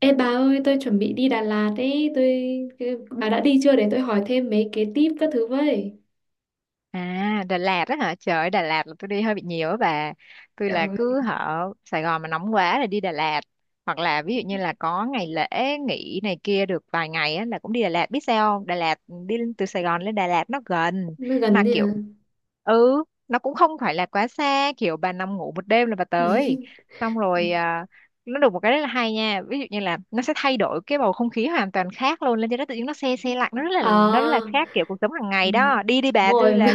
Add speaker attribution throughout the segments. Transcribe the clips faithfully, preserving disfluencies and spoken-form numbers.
Speaker 1: Ê bà ơi, tôi chuẩn bị đi Đà Lạt ấy, tôi cái- bà đã đi chưa để tôi hỏi thêm mấy cái tip các thứ với.
Speaker 2: À, Đà Lạt đó hả? Trời ơi, Đà Lạt là tôi đi hơi bị nhiều á bà. Tôi là
Speaker 1: Trời,
Speaker 2: cứ hở Sài Gòn mà nóng quá là đi Đà Lạt. Hoặc là ví dụ như là có ngày lễ nghỉ này kia được vài ngày á, là cũng đi Đà Lạt. Biết sao không? Đà Lạt đi lên- từ Sài Gòn lên Đà Lạt nó gần.
Speaker 1: nó gần
Speaker 2: Mà
Speaker 1: đấy à.
Speaker 2: kiểu ừ nó cũng không phải là quá xa, kiểu bà nằm ngủ một đêm là bà tới xong rồi à. Nó được một cái rất là hay nha, ví dụ như là nó sẽ thay đổi cái bầu không khí hoàn toàn khác luôn, lên trên đó tự nhiên nó se se lạnh, nó rất là nó rất là
Speaker 1: Ờ.
Speaker 2: khác kiểu cuộc sống hàng
Speaker 1: Ừ,
Speaker 2: ngày đó. Đi đi
Speaker 1: đúng
Speaker 2: bà,
Speaker 1: bà,
Speaker 2: tôi là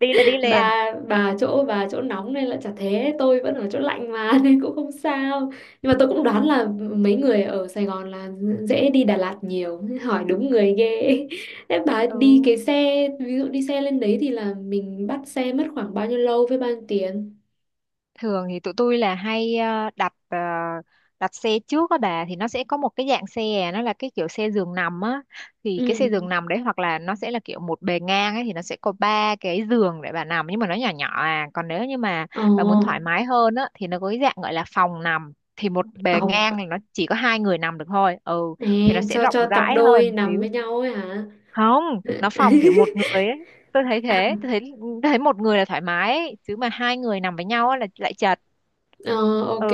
Speaker 2: đi là đi liền.
Speaker 1: bà bà chỗ bà chỗ nóng nên là chả thế, tôi vẫn ở chỗ lạnh mà nên cũng không sao. Nhưng mà tôi cũng đoán là mấy người ở Sài Gòn là dễ đi Đà Lạt nhiều, hỏi đúng người ghê. Thế bà đi cái
Speaker 2: Ừ,
Speaker 1: xe, ví dụ đi xe lên đấy thì là mình bắt xe mất khoảng bao nhiêu lâu với bao nhiêu tiền?
Speaker 2: thường thì tụi tôi là hay ờ, đặt ờ, đặt xe trước á bà, thì nó sẽ có một cái dạng xe à, nó là cái kiểu xe giường nằm á. Thì cái xe
Speaker 1: Ừ.
Speaker 2: giường nằm đấy, hoặc là nó sẽ là kiểu một bề ngang ấy thì nó sẽ có ba cái giường để bà nằm, nhưng mà nó nhỏ nhỏ à. Còn nếu như mà
Speaker 1: Ồ,
Speaker 2: bà muốn thoải mái hơn á thì nó có cái dạng gọi là phòng nằm, thì một bề
Speaker 1: vòng.
Speaker 2: ngang này nó chỉ có hai người nằm được thôi. ừ
Speaker 1: Nè,
Speaker 2: thì nó sẽ
Speaker 1: cho
Speaker 2: rộng
Speaker 1: cho cặp
Speaker 2: rãi
Speaker 1: đôi
Speaker 2: hơn
Speaker 1: nằm với
Speaker 2: xíu.
Speaker 1: nhau ấy hả?
Speaker 2: Không, nó phòng kiểu một người ấy. tôi thấy
Speaker 1: À,
Speaker 2: thế tôi thấy tôi thấy một người là thoải mái ấy. Chứ mà hai người nằm với nhau ấy là lại chật.
Speaker 1: ờ,
Speaker 2: ừ
Speaker 1: ok.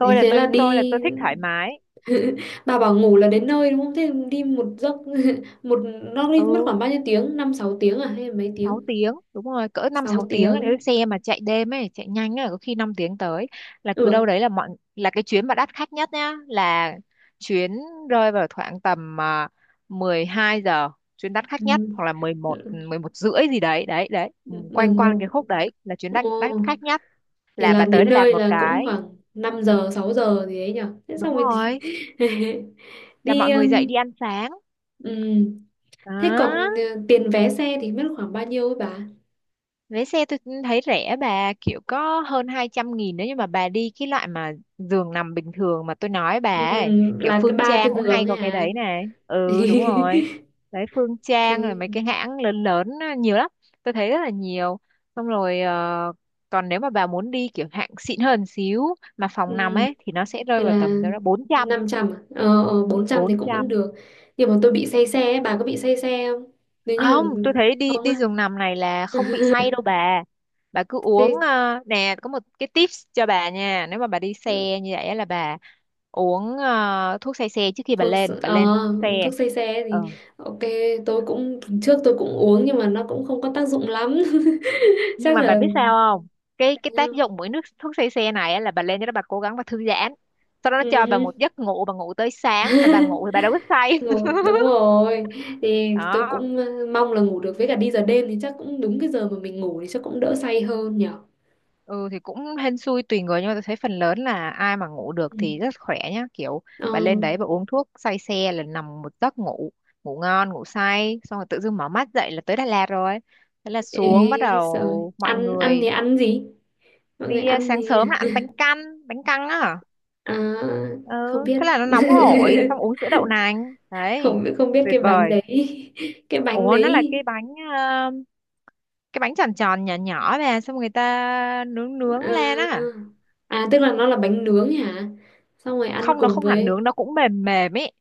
Speaker 1: Thế
Speaker 2: là
Speaker 1: thế là
Speaker 2: tôi tôi là
Speaker 1: đi,
Speaker 2: tôi thích thoải mái.
Speaker 1: bà bảo ngủ là đến nơi đúng không? Thế đi một giấc, một nó đi mất
Speaker 2: Ừ,
Speaker 1: khoảng bao nhiêu tiếng? Năm sáu tiếng à hay là mấy
Speaker 2: sáu
Speaker 1: tiếng?
Speaker 2: tiếng đúng rồi, cỡ năm
Speaker 1: Sáu
Speaker 2: sáu tiếng
Speaker 1: tiếng.
Speaker 2: Nếu xe mà chạy đêm ấy chạy nhanh ấy có khi năm tiếng tới. Là cứ đâu
Speaker 1: Ừ.
Speaker 2: đấy, là mọi là cái chuyến mà đắt khách nhất nhá, là chuyến rơi vào khoảng tầm uh, mười hai giờ, chuyến đắt khách nhất, hoặc là mười một mười một rưỡi gì đấy, đấy đấy. Ừ,
Speaker 1: Mười
Speaker 2: quanh
Speaker 1: một.
Speaker 2: quanh cái khúc đấy là chuyến đắt
Speaker 1: Ồ,
Speaker 2: đắt khách nhất,
Speaker 1: thế
Speaker 2: là
Speaker 1: là
Speaker 2: bà tới
Speaker 1: đến
Speaker 2: để làm
Speaker 1: nơi
Speaker 2: một
Speaker 1: là cũng
Speaker 2: cái.
Speaker 1: khoảng năm giờ sáu giờ gì ấy nhở. Thế
Speaker 2: Đúng
Speaker 1: xong rồi thì-
Speaker 2: rồi, là
Speaker 1: đi,
Speaker 2: mọi người dậy đi ăn sáng
Speaker 1: ừ, thế còn ờ,
Speaker 2: đó.
Speaker 1: tiền vé xe thì mất khoảng bao nhiêu ấy bà?
Speaker 2: Vé xe tôi thấy rẻ bà, kiểu có hơn hai trăm nghìn nữa, nhưng mà bà đi cái loại mà giường nằm bình thường mà tôi nói
Speaker 1: Ừ,
Speaker 2: bà ấy. Kiểu
Speaker 1: là cái
Speaker 2: Phương
Speaker 1: ba cái
Speaker 2: Trang cũng
Speaker 1: giường
Speaker 2: hay
Speaker 1: ấy
Speaker 2: có cái
Speaker 1: hả?
Speaker 2: đấy này. Ừ, đúng rồi, đấy, Phương Trang rồi
Speaker 1: Cái,
Speaker 2: mấy cái hãng lớn lớn á, nhiều lắm, tôi thấy rất là nhiều. Xong rồi ờ, còn nếu mà bà muốn đi kiểu hạng xịn hơn xíu, mà phòng nằm
Speaker 1: ừ,
Speaker 2: ấy thì nó sẽ
Speaker 1: thì
Speaker 2: rơi vào
Speaker 1: là
Speaker 2: tầm đâu đó bốn trăm.
Speaker 1: năm trăm à? Ờ, ờ, bốn trăm thì
Speaker 2: bốn
Speaker 1: cũng vẫn
Speaker 2: trăm
Speaker 1: được. Nhưng mà tôi bị say xe ấy, bà có bị say xe không? Nếu
Speaker 2: Không,
Speaker 1: như
Speaker 2: tôi thấy đi
Speaker 1: không
Speaker 2: đi
Speaker 1: á.
Speaker 2: giường nằm này là không bị say đâu bà. Bà cứ uống
Speaker 1: Thế
Speaker 2: ờ, nè, có một cái tips cho bà nha, nếu mà bà đi
Speaker 1: ờ,
Speaker 2: xe như vậy á là bà uống ờ, thuốc say xe trước khi bà
Speaker 1: thuốc,
Speaker 2: lên bà
Speaker 1: ờ,
Speaker 2: lên xe.
Speaker 1: thuốc say xe
Speaker 2: Ừ.
Speaker 1: thì ok, tôi cũng trước tôi cũng uống nhưng mà nó cũng không có tác dụng lắm,
Speaker 2: Nhưng
Speaker 1: chắc
Speaker 2: mà bà
Speaker 1: là
Speaker 2: biết sao không, cái cái tác dụng của nước thuốc say xe này á là bà lên cho đó bà cố gắng bà thư giãn, sau đó nó
Speaker 1: ừ
Speaker 2: cho bà
Speaker 1: hứ.
Speaker 2: một giấc ngủ, bà ngủ tới sáng, mà bà ngủ thì bà đâu có say.
Speaker 1: Rồi đúng rồi thì tôi
Speaker 2: Đó.
Speaker 1: cũng ờ, mong là ngủ được với cả đi giờ đêm thì chắc cũng đúng cái giờ mà mình ngủ thì chắc cũng đỡ say hơn nhở.
Speaker 2: Ừ thì cũng hên xui tùy người, nhưng mà tôi thấy phần lớn là ai mà ngủ được
Speaker 1: Ừ.
Speaker 2: thì rất khỏe nhá, kiểu
Speaker 1: Ờ,
Speaker 2: bà lên đấy bà uống thuốc say xe là nằm một giấc ngủ ngủ ngon ngủ say, xong rồi tự dưng mở mắt dậy là tới Đà Lạt rồi, thế là xuống, bắt
Speaker 1: ê rồi
Speaker 2: đầu mọi
Speaker 1: ăn ăn thì
Speaker 2: người
Speaker 1: ăn gì mọi người
Speaker 2: đi à,
Speaker 1: ăn
Speaker 2: sáng
Speaker 1: thì
Speaker 2: sớm là ăn bánh căn, bánh căn á.
Speaker 1: à,
Speaker 2: Ừ,
Speaker 1: không biết.
Speaker 2: thế là nó nóng hổi xong uống sữa đậu nành, đấy,
Speaker 1: Không biết, không biết
Speaker 2: tuyệt
Speaker 1: cái bánh
Speaker 2: vời.
Speaker 1: đấy, cái bánh
Speaker 2: Ủa, nó là
Speaker 1: đấy
Speaker 2: cái bánh ờ, cái bánh tròn tròn nhỏ nhỏ, về xong người ta nướng nướng lên á.
Speaker 1: à, à tức là nó là bánh nướng hả, xong rồi ăn
Speaker 2: Không, nó
Speaker 1: cùng
Speaker 2: không hẳn
Speaker 1: với
Speaker 2: nướng, nó cũng mềm mềm ấy.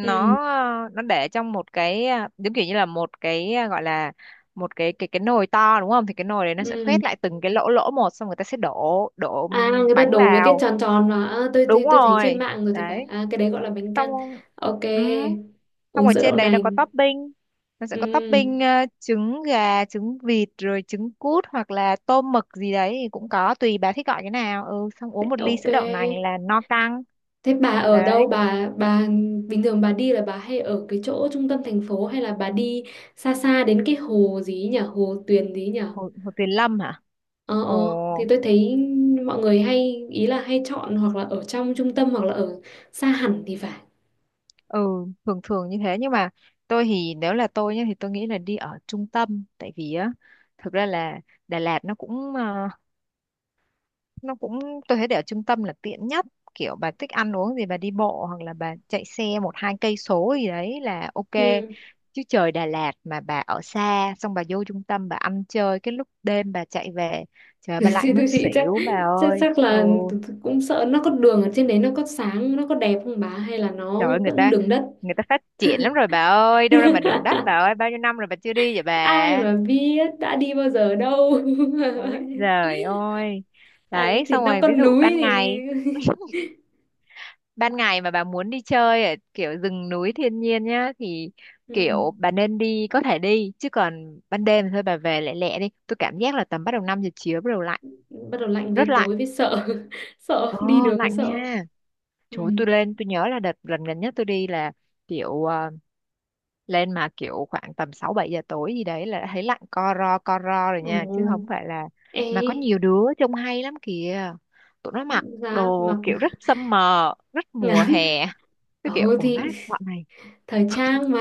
Speaker 1: ừ.
Speaker 2: ờ, nó để trong một cái ờ, giống kiểu như là một cái ờ, gọi là một cái cái cái nồi to đúng không, thì cái nồi đấy nó sẽ
Speaker 1: Ừ,
Speaker 2: khoét lại từng cái lỗ lỗ một, xong người ta sẽ đổ đổ
Speaker 1: à người ta
Speaker 2: bánh
Speaker 1: đổ mấy cái
Speaker 2: vào.
Speaker 1: tròn tròn mà à, tôi,
Speaker 2: Đúng
Speaker 1: tôi tôi thấy trên
Speaker 2: rồi,
Speaker 1: mạng rồi thì phải,
Speaker 2: đấy.
Speaker 1: à cái đấy gọi là bánh
Speaker 2: Xong.
Speaker 1: căn. Ok,
Speaker 2: ừ. Xong
Speaker 1: uống
Speaker 2: ở
Speaker 1: sữa
Speaker 2: trên
Speaker 1: đậu
Speaker 2: đấy nó có
Speaker 1: nành.
Speaker 2: topping, nó sẽ có
Speaker 1: Ừ,
Speaker 2: topping ờ, trứng gà trứng vịt rồi trứng cút, hoặc là tôm mực gì đấy thì cũng có, tùy bà thích gọi cái nào. ừ Xong uống
Speaker 1: thế,
Speaker 2: một ly
Speaker 1: ok.
Speaker 2: sữa đậu nành là no căng
Speaker 1: Thế bà ở
Speaker 2: đấy.
Speaker 1: đâu? Bà bà bình thường bà đi là bà hay ở cái chỗ trung tâm thành phố hay là bà đi xa xa đến cái hồ gì ấy nhỉ? Hồ Tuyền gì ấy nhỉ?
Speaker 2: Hồ, Hồ Tuyền Lâm hả?
Speaker 1: Ờ
Speaker 2: Ồ,
Speaker 1: ờ, thì tôi thấy mọi người hay ý là hay chọn hoặc là ở trong trung tâm hoặc là ở xa hẳn thì phải.
Speaker 2: ừ, thường thường như thế, nhưng mà tôi thì nếu là tôi nhá thì tôi nghĩ là đi ở trung tâm, tại vì á thực ra là Đà Lạt nó cũng ờ, nó cũng tôi thấy để ở trung tâm là tiện nhất. Kiểu bà thích ăn uống gì bà đi bộ, hoặc là bà chạy xe một hai cây số gì đấy là ok.
Speaker 1: Ừ.
Speaker 2: Chứ trời Đà Lạt mà bà ở xa, xong bà vô trung tâm bà ăn chơi cái lúc đêm bà chạy về, trời ơi, bà lạnh
Speaker 1: Trên đô
Speaker 2: muốn
Speaker 1: thị chắc,
Speaker 2: xỉu bà
Speaker 1: chắc
Speaker 2: ơi.
Speaker 1: chắc
Speaker 2: ừ
Speaker 1: là tớ- tớ cũng sợ nó có đường ở trên đấy nó có sáng nó có đẹp không bà hay là nó
Speaker 2: Trời ơi, người
Speaker 1: vẫn
Speaker 2: ta
Speaker 1: đường đất.
Speaker 2: người ta phát triển lắm rồi bà ơi, đâu ra mà đường đất, bà ơi, bao nhiêu năm rồi bà chưa đi vậy
Speaker 1: Ai
Speaker 2: bà?
Speaker 1: mà biết đã đi bao giờ đâu.
Speaker 2: Ôi giời ơi.
Speaker 1: Ấy,
Speaker 2: Đấy,
Speaker 1: thì
Speaker 2: xong
Speaker 1: nó
Speaker 2: rồi
Speaker 1: có
Speaker 2: ví dụ
Speaker 1: núi
Speaker 2: ban
Speaker 1: thì
Speaker 2: ngày, ban ngày mà bà muốn đi chơi ở kiểu rừng núi thiên nhiên nhá thì
Speaker 1: ừ.
Speaker 2: kiểu bà nên đi, có thể đi, chứ còn ban đêm thôi bà về lẹ lẹ đi. Tôi cảm giác là tầm bắt đầu năm giờ chiều bắt đầu lạnh,
Speaker 1: Bắt đầu lạnh về
Speaker 2: rất lạnh.
Speaker 1: tối với sợ,
Speaker 2: Ờ,
Speaker 1: sợ đi đường có
Speaker 2: lạnh
Speaker 1: sợ
Speaker 2: nha.
Speaker 1: ừ.
Speaker 2: Trời ơi, tôi lên tôi nhớ là đợt lần gần nhất tôi đi là kiểu ờ, lên mà kiểu khoảng tầm sáu bảy giờ tối gì đấy là thấy lạnh co ro co ro rồi nha, chứ không
Speaker 1: Ồ.
Speaker 2: phải là.
Speaker 1: Ê
Speaker 2: Mà có nhiều đứa trông hay lắm kìa, tụi nó mặc
Speaker 1: giá mặc
Speaker 2: đồ kiểu rất summer, rất mùa
Speaker 1: ngắn,
Speaker 2: hè, cái kiểu
Speaker 1: ồ
Speaker 2: ủa
Speaker 1: thì
Speaker 2: mát bọn này.
Speaker 1: thời trang mà,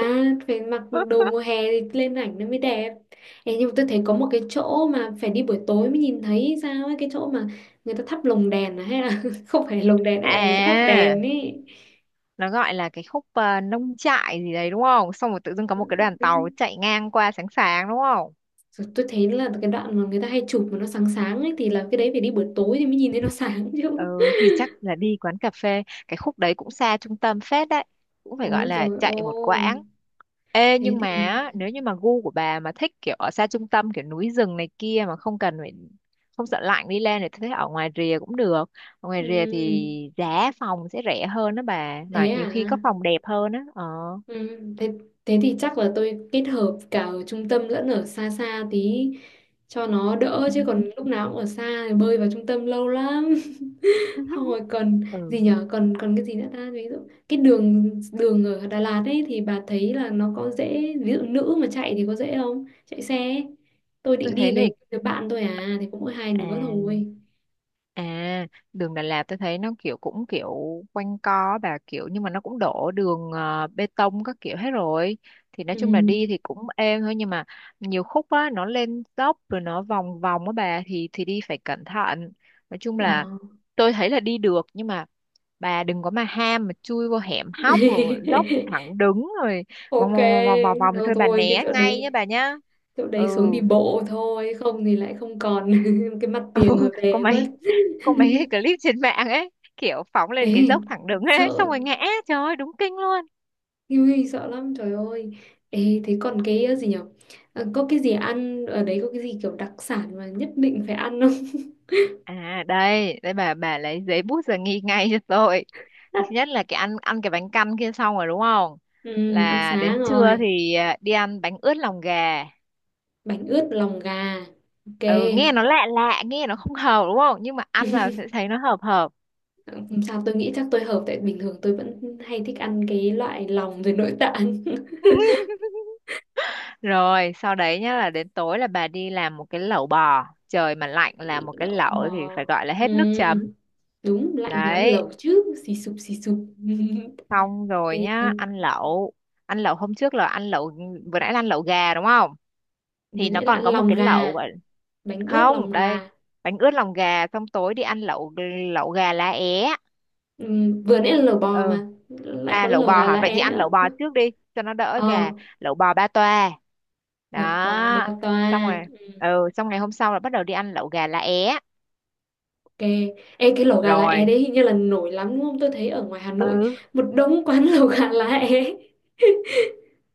Speaker 1: phải mặc đồ mùa hè thì lên ảnh nó mới đẹp. Ê, nhưng mà tôi thấy có một cái chỗ mà phải đi buổi tối mới nhìn thấy sao ấy, cái chỗ mà người ta thắp lồng đèn à, hay là không phải lồng đèn hay là người ta thắp
Speaker 2: À,
Speaker 1: đèn ấy.
Speaker 2: nó gọi là cái khúc ờ, nông trại gì đấy đúng không, xong rồi tự dưng có một cái đoàn tàu
Speaker 1: Nên-
Speaker 2: chạy ngang qua sáng sáng đúng không.
Speaker 1: rồi tôi thấy là cái đoạn mà người ta hay chụp mà nó sáng sáng ấy thì là cái đấy phải đi buổi tối thì mới nhìn thấy nó sáng chứ.
Speaker 2: Ừ thì chắc là đi quán cà phê, cái khúc đấy cũng xa trung tâm phết đấy, cũng phải gọi
Speaker 1: Ôi
Speaker 2: là
Speaker 1: rồi
Speaker 2: chạy một
Speaker 1: ôi
Speaker 2: quãng. Ê,
Speaker 1: thế
Speaker 2: nhưng mà
Speaker 1: thì
Speaker 2: á, nếu như mà gu của bà mà thích kiểu ở xa trung tâm kiểu núi rừng này kia mà không cần phải không sợ lạnh đi lên thì tôi thấy ở ngoài rìa cũng được. Ở ngoài rìa
Speaker 1: ừ,
Speaker 2: thì giá phòng sẽ rẻ hơn đó bà, mà
Speaker 1: thế
Speaker 2: nhiều
Speaker 1: à.
Speaker 2: khi có phòng đẹp hơn á. ờ
Speaker 1: Ừ, thế, thế thì chắc là tôi kết hợp cả ở trung tâm lẫn ở xa xa tí cho nó đỡ
Speaker 2: ừ.
Speaker 1: chứ còn lúc nào cũng ở xa thì bơi vào trung tâm lâu lắm. Không rồi còn
Speaker 2: ừ
Speaker 1: gì nhở, còn còn cái gì nữa ta, ví dụ cái đường đường ở Đà Lạt ấy thì bà thấy là nó có dễ, ví dụ nữ mà chạy thì có dễ không, chạy xe ấy. Tôi
Speaker 2: tôi
Speaker 1: định đi
Speaker 2: thấy là
Speaker 1: với đứa bạn tôi à thì cũng mỗi hai đứa
Speaker 2: à
Speaker 1: thôi
Speaker 2: À, đường Đà Lạt tôi thấy nó kiểu cũng kiểu quanh co bà, kiểu nhưng mà nó cũng đổ đường ờ, bê tông các kiểu hết rồi. Thì nói
Speaker 1: ừ.
Speaker 2: chung là đi thì cũng êm thôi, nhưng mà nhiều khúc á nó lên dốc rồi nó vòng vòng á bà, thì thì đi phải cẩn thận. Nói chung
Speaker 1: Ờ.
Speaker 2: là tôi thấy là đi được, nhưng mà bà đừng có mà ham mà chui vô hẻm hóc rồi dốc thẳng đứng rồi vòng
Speaker 1: Ok
Speaker 2: vòng vòng vòng vòng thì
Speaker 1: rồi
Speaker 2: thôi bà
Speaker 1: thôi cái
Speaker 2: né
Speaker 1: chỗ
Speaker 2: ngay nhé
Speaker 1: đấy,
Speaker 2: bà nhá.
Speaker 1: chỗ đấy
Speaker 2: Ừ,
Speaker 1: xuống đi bộ thôi không thì lại không còn cái mặt tiền mà
Speaker 2: có
Speaker 1: về mất.
Speaker 2: mấy có mấy cái clip trên mạng ấy, kiểu phóng lên
Speaker 1: Ê
Speaker 2: cái dốc thẳng đứng
Speaker 1: sợ.
Speaker 2: ấy xong rồi ngã, trời ơi đúng kinh luôn.
Speaker 1: Ui, sợ lắm trời ơi. Ê thế còn cái ờ, gì nhở. Ờ, có cái gì ăn ở đấy, có cái gì kiểu đặc sản mà nhất định phải ăn không?
Speaker 2: À, đây đây, bà bà lấy giấy bút ra ghi ngay cho tôi. Thứ nhất là cái ăn ăn cái bánh căn kia xong rồi đúng không,
Speaker 1: Ừ, ăn
Speaker 2: là đến
Speaker 1: sáng
Speaker 2: trưa
Speaker 1: rồi
Speaker 2: thì à, đi ăn bánh ướt lòng gà.
Speaker 1: bánh ướt lòng gà, ok.
Speaker 2: Ừ, nghe nó lạ lạ, nghe nó không hợp đúng không, nhưng mà ăn vào sẽ thấy nó hợp hợp.
Speaker 1: Không sao tôi nghĩ chắc tôi hợp tại bình thường tôi vẫn hay thích ăn cái loại lòng rồi nội tạng.
Speaker 2: Rồi sau đấy nhá là đến tối là bà đi làm một cái lẩu bò, trời mà lạnh làm một cái
Speaker 1: Lẩu
Speaker 2: lẩu thì
Speaker 1: bò,
Speaker 2: phải gọi là
Speaker 1: ừ.
Speaker 2: hết nước chấm
Speaker 1: Đúng lạnh mới ăn
Speaker 2: đấy.
Speaker 1: lẩu chứ xì sụp xì sụp.
Speaker 2: Xong rồi
Speaker 1: Ok,
Speaker 2: nhá ăn lẩu ăn lẩu hôm trước là ăn lẩu, vừa nãy là ăn lẩu gà đúng không,
Speaker 1: vừa
Speaker 2: thì nó
Speaker 1: nãy là
Speaker 2: còn
Speaker 1: ăn
Speaker 2: có một
Speaker 1: lòng
Speaker 2: cái
Speaker 1: gà,
Speaker 2: lẩu gọi.
Speaker 1: bánh ướt
Speaker 2: Không,
Speaker 1: lòng
Speaker 2: đây,
Speaker 1: gà.
Speaker 2: bánh ướt lòng gà xong tối đi ăn lẩu lẩu gà lá é.
Speaker 1: Ừm, vừa nãy là lẩu bò
Speaker 2: Ừ,
Speaker 1: mà lại có
Speaker 2: à, lẩu
Speaker 1: lẩu
Speaker 2: bò
Speaker 1: gà
Speaker 2: hả,
Speaker 1: lá
Speaker 2: vậy thì
Speaker 1: é
Speaker 2: ăn
Speaker 1: nữa,
Speaker 2: lẩu bò trước đi cho nó đỡ
Speaker 1: ờ.
Speaker 2: gà, lẩu bò ba toa
Speaker 1: Lẩu bò ba
Speaker 2: đó.
Speaker 1: toa.
Speaker 2: Xong rồi,
Speaker 1: Ừm,
Speaker 2: ừ xong ngày hôm sau là bắt đầu đi ăn lẩu gà lá é
Speaker 1: ok. Ê, cái lẩu gà lá é
Speaker 2: rồi.
Speaker 1: đấy hình như là nổi lắm đúng không, tôi thấy ở ngoài Hà Nội
Speaker 2: Ừ,
Speaker 1: một đống quán lẩu gà lá é.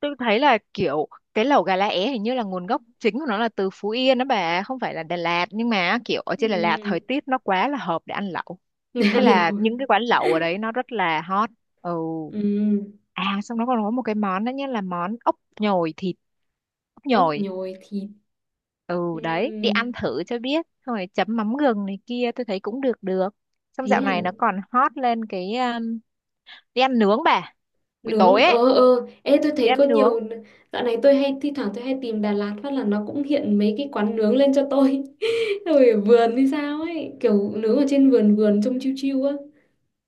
Speaker 2: tôi thấy là kiểu cái lẩu gà lá é hình như là nguồn gốc chính của nó là từ Phú Yên đó bà, không phải là Đà Lạt, nhưng mà kiểu ở trên Đà Lạt
Speaker 1: Ừm,
Speaker 2: thời tiết nó quá là hợp để ăn lẩu, thế
Speaker 1: ăn
Speaker 2: là
Speaker 1: lẩu.
Speaker 2: những cái quán lẩu ở đấy nó rất là hot ừ
Speaker 1: Ừm,
Speaker 2: À, xong nó còn có một cái món nữa nhé, là món ốc nhồi thịt. Ốc
Speaker 1: ốc
Speaker 2: nhồi.
Speaker 1: nhồi thịt.
Speaker 2: Ừ, đấy, đi
Speaker 1: Ừm,
Speaker 2: ăn thử cho biết, xong rồi chấm mắm gừng này kia, tôi thấy cũng được được. Xong
Speaker 1: thế
Speaker 2: dạo
Speaker 1: à.
Speaker 2: này nó còn hot lên cái um, đi ăn nướng bà. Buổi
Speaker 1: Nướng
Speaker 2: tối
Speaker 1: ờ
Speaker 2: ấy,
Speaker 1: ờ, ê tôi
Speaker 2: đi
Speaker 1: thấy có
Speaker 2: ăn nướng.
Speaker 1: nhiều, dạo này tôi hay thi thoảng tôi hay tìm Đà Lạt phát là nó cũng hiện mấy cái quán nướng lên cho tôi. Rồi ở vườn hay sao ấy, kiểu nướng ở trên vườn vườn trông chiêu chiêu á,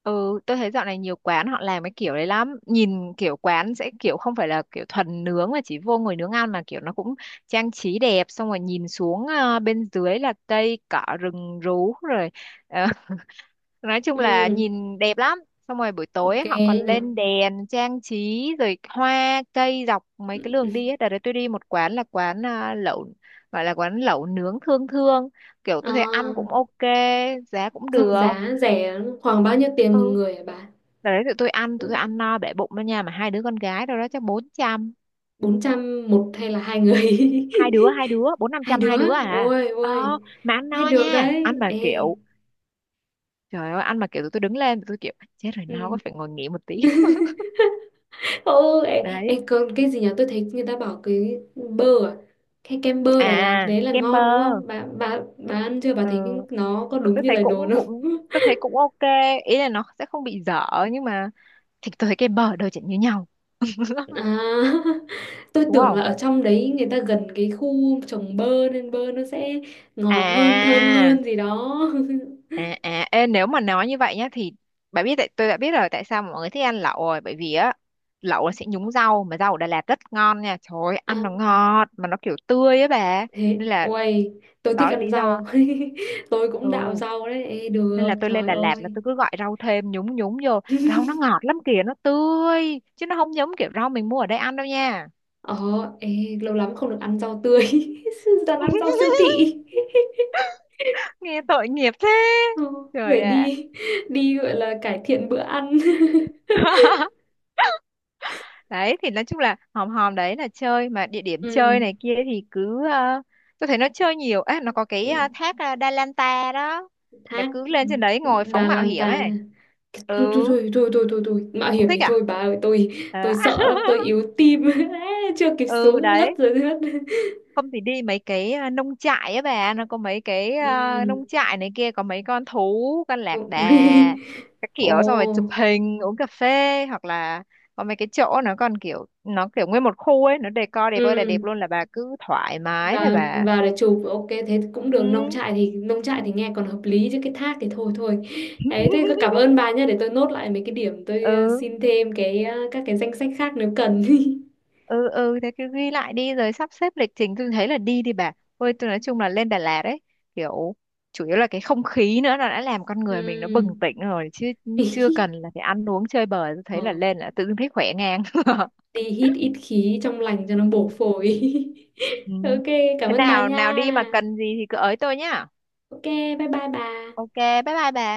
Speaker 2: Ừ, tôi thấy dạo này nhiều quán họ làm cái kiểu đấy lắm. Nhìn kiểu quán sẽ kiểu không phải là kiểu thuần nướng mà chỉ vô ngồi nướng ăn, mà kiểu nó cũng trang trí đẹp, xong rồi nhìn xuống ờ, bên dưới là cây cỏ rừng rú rồi. ờ, nói chung là
Speaker 1: ừ,
Speaker 2: nhìn đẹp lắm. Xong rồi buổi tối
Speaker 1: ok
Speaker 2: ấy, họ còn
Speaker 1: nhỉ.
Speaker 2: lên đèn trang trí, rồi hoa cây dọc mấy cái đường đi ấy. Đợt đấy tôi đi một quán là quán ờ, lẩu, gọi là quán lẩu nướng thương thương, kiểu tôi thấy ăn
Speaker 1: À,
Speaker 2: cũng ok, giá cũng được.
Speaker 1: dòng giá rẻ khoảng bao nhiêu tiền một
Speaker 2: Ừ.
Speaker 1: người hả bà?
Speaker 2: Đợt đấy tụi tôi ăn, tụi tôi ăn no bể bụng đó nha. Mà hai đứa con gái, đâu đó chắc bốn trăm.
Speaker 1: Bốn trăm một hay là hai người?
Speaker 2: Hai đứa, hai đứa, bốn năm
Speaker 1: Hai
Speaker 2: trăm hai
Speaker 1: đứa,
Speaker 2: đứa à.
Speaker 1: ôi
Speaker 2: Ờ,
Speaker 1: ôi
Speaker 2: mà ăn
Speaker 1: thế
Speaker 2: no
Speaker 1: được
Speaker 2: nha. Ăn
Speaker 1: đấy
Speaker 2: mà
Speaker 1: ê,
Speaker 2: kiểu, trời ơi, ăn mà kiểu tụi tôi đứng lên. Tụi tôi kiểu, chết rồi, no quá
Speaker 1: ừ.
Speaker 2: phải ngồi nghỉ một tí.
Speaker 1: Ừ ấy,
Speaker 2: Đấy.
Speaker 1: ấy, còn cái gì nhỉ, tôi thấy người ta bảo cái bơ à, cái kem bơ Đà Lạt
Speaker 2: À,
Speaker 1: đấy là
Speaker 2: kem bơ.
Speaker 1: ngon đúng không bà, bà bà ăn chưa bà thấy
Speaker 2: Ừ,
Speaker 1: nó có đúng
Speaker 2: tôi
Speaker 1: như
Speaker 2: thấy
Speaker 1: lời
Speaker 2: cũng,
Speaker 1: đồn không?
Speaker 2: cũng, tôi thấy cũng ok. Ý là nó sẽ không bị dở. Nhưng mà, thì tôi thấy kem bơ ở đâu chẳng như nhau.
Speaker 1: À, tôi
Speaker 2: Đúng
Speaker 1: tưởng là
Speaker 2: không?
Speaker 1: ở trong đấy người ta gần cái khu trồng bơ nên bơ nó sẽ ngọt hơn thơm
Speaker 2: À,
Speaker 1: hơn gì đó.
Speaker 2: À, à, ê, nếu mà nói như vậy nhá thì bạn biết, tại tôi đã biết rồi tại sao mà mọi người thích ăn lẩu rồi. Bởi vì á, lẩu là sẽ nhúng rau, mà rau ở Đà Lạt rất ngon nha, trời ơi,
Speaker 1: À,
Speaker 2: ăn nó ngọt mà nó kiểu tươi á bà.
Speaker 1: thế
Speaker 2: Nên là,
Speaker 1: uầy tôi thích
Speaker 2: đó là lý
Speaker 1: ăn
Speaker 2: do.
Speaker 1: rau. Tôi cũng đạo
Speaker 2: Ừ,
Speaker 1: rau đấy. Ê,
Speaker 2: nên
Speaker 1: được,
Speaker 2: là tôi lên
Speaker 1: trời
Speaker 2: Đà Lạt là
Speaker 1: ơi.
Speaker 2: tôi cứ gọi rau thêm nhúng nhúng vô. Rau nó ngọt lắm kìa, nó tươi chứ nó không giống kiểu rau mình mua ở đây ăn đâu nha.
Speaker 1: Ờ, ê, lâu lắm không được ăn rau tươi. Toàn ăn rau siêu thị.
Speaker 2: Nghe tội nghiệp thế,
Speaker 1: Ờ, phải
Speaker 2: trời ạ.
Speaker 1: đi, đi gọi là cải thiện bữa ăn.
Speaker 2: Đấy thì nói chung là hòm hòm đấy là chơi. Mà địa điểm
Speaker 1: Ừ,
Speaker 2: chơi này kia thì cứ ờ, tôi thấy nó chơi nhiều á. Nó có cái ờ, thác ờ, Đa Lan Ta đó, là
Speaker 1: thác
Speaker 2: cứ lên trên đấy ngồi phóng
Speaker 1: Đà
Speaker 2: mạo
Speaker 1: Lan
Speaker 2: hiểm ấy.
Speaker 1: ta. Thôi
Speaker 2: Ừ,
Speaker 1: thôi thôi thôi thôi thôi, thôi. Mạo
Speaker 2: không
Speaker 1: hiểm
Speaker 2: thích
Speaker 1: thì
Speaker 2: à.
Speaker 1: thôi bà ơi, tôi tôi
Speaker 2: Ờ,
Speaker 1: sợ lắm, tôi yếu tim. Á, chưa kịp
Speaker 2: ừ
Speaker 1: xuống ngất
Speaker 2: đấy,
Speaker 1: rồi đấy.
Speaker 2: không thì đi mấy cái à, nông trại á bà. Nó có mấy cái à,
Speaker 1: Ừ.
Speaker 2: nông trại này kia, có mấy con thú con lạc
Speaker 1: cũng-
Speaker 2: đà các kiểu, xong rồi chụp
Speaker 1: Ồ.
Speaker 2: hình uống cà phê, hoặc là có mấy cái chỗ nó còn kiểu nó kiểu nguyên một khu ấy, nó decor đẹp ơi là đẹp
Speaker 1: Ừ.
Speaker 2: luôn, là bà cứ thoải mái là
Speaker 1: và
Speaker 2: bà.
Speaker 1: và để chụp, ok thế cũng
Speaker 2: Ừ.
Speaker 1: được, nông trại thì, nông trại thì nghe còn hợp lý chứ cái thác thì thôi thôi. Đấy thế cảm ơn bà nhé, để tôi nốt lại mấy cái điểm tôi ờ,
Speaker 2: Ừ,
Speaker 1: xin thêm cái ờ, các cái danh sách khác nếu cần.
Speaker 2: ừ, ừ, thế cứ ghi lại đi rồi sắp xếp lịch trình, tôi thấy là đi đi bà. Ôi, tôi nói chung là lên Đà Lạt ấy, kiểu chủ yếu là cái không khí nữa, nó đã làm con người mình nó bừng
Speaker 1: Ừm.
Speaker 2: tỉnh rồi chứ chưa cần là phải ăn uống chơi bời. Tôi
Speaker 1: Ờ,
Speaker 2: thấy là lên là tự dưng thấy khỏe ngang.
Speaker 1: đi hít ít khí trong lành cho nó
Speaker 2: Ừ.
Speaker 1: bổ phổi.
Speaker 2: Ừ.
Speaker 1: Ok cảm
Speaker 2: Thế
Speaker 1: ơn bà
Speaker 2: nào nào
Speaker 1: nha.
Speaker 2: đi mà cần gì thì cứ ới tôi nhá.
Speaker 1: Ok bye bye bà.
Speaker 2: Ok, bye bye bà.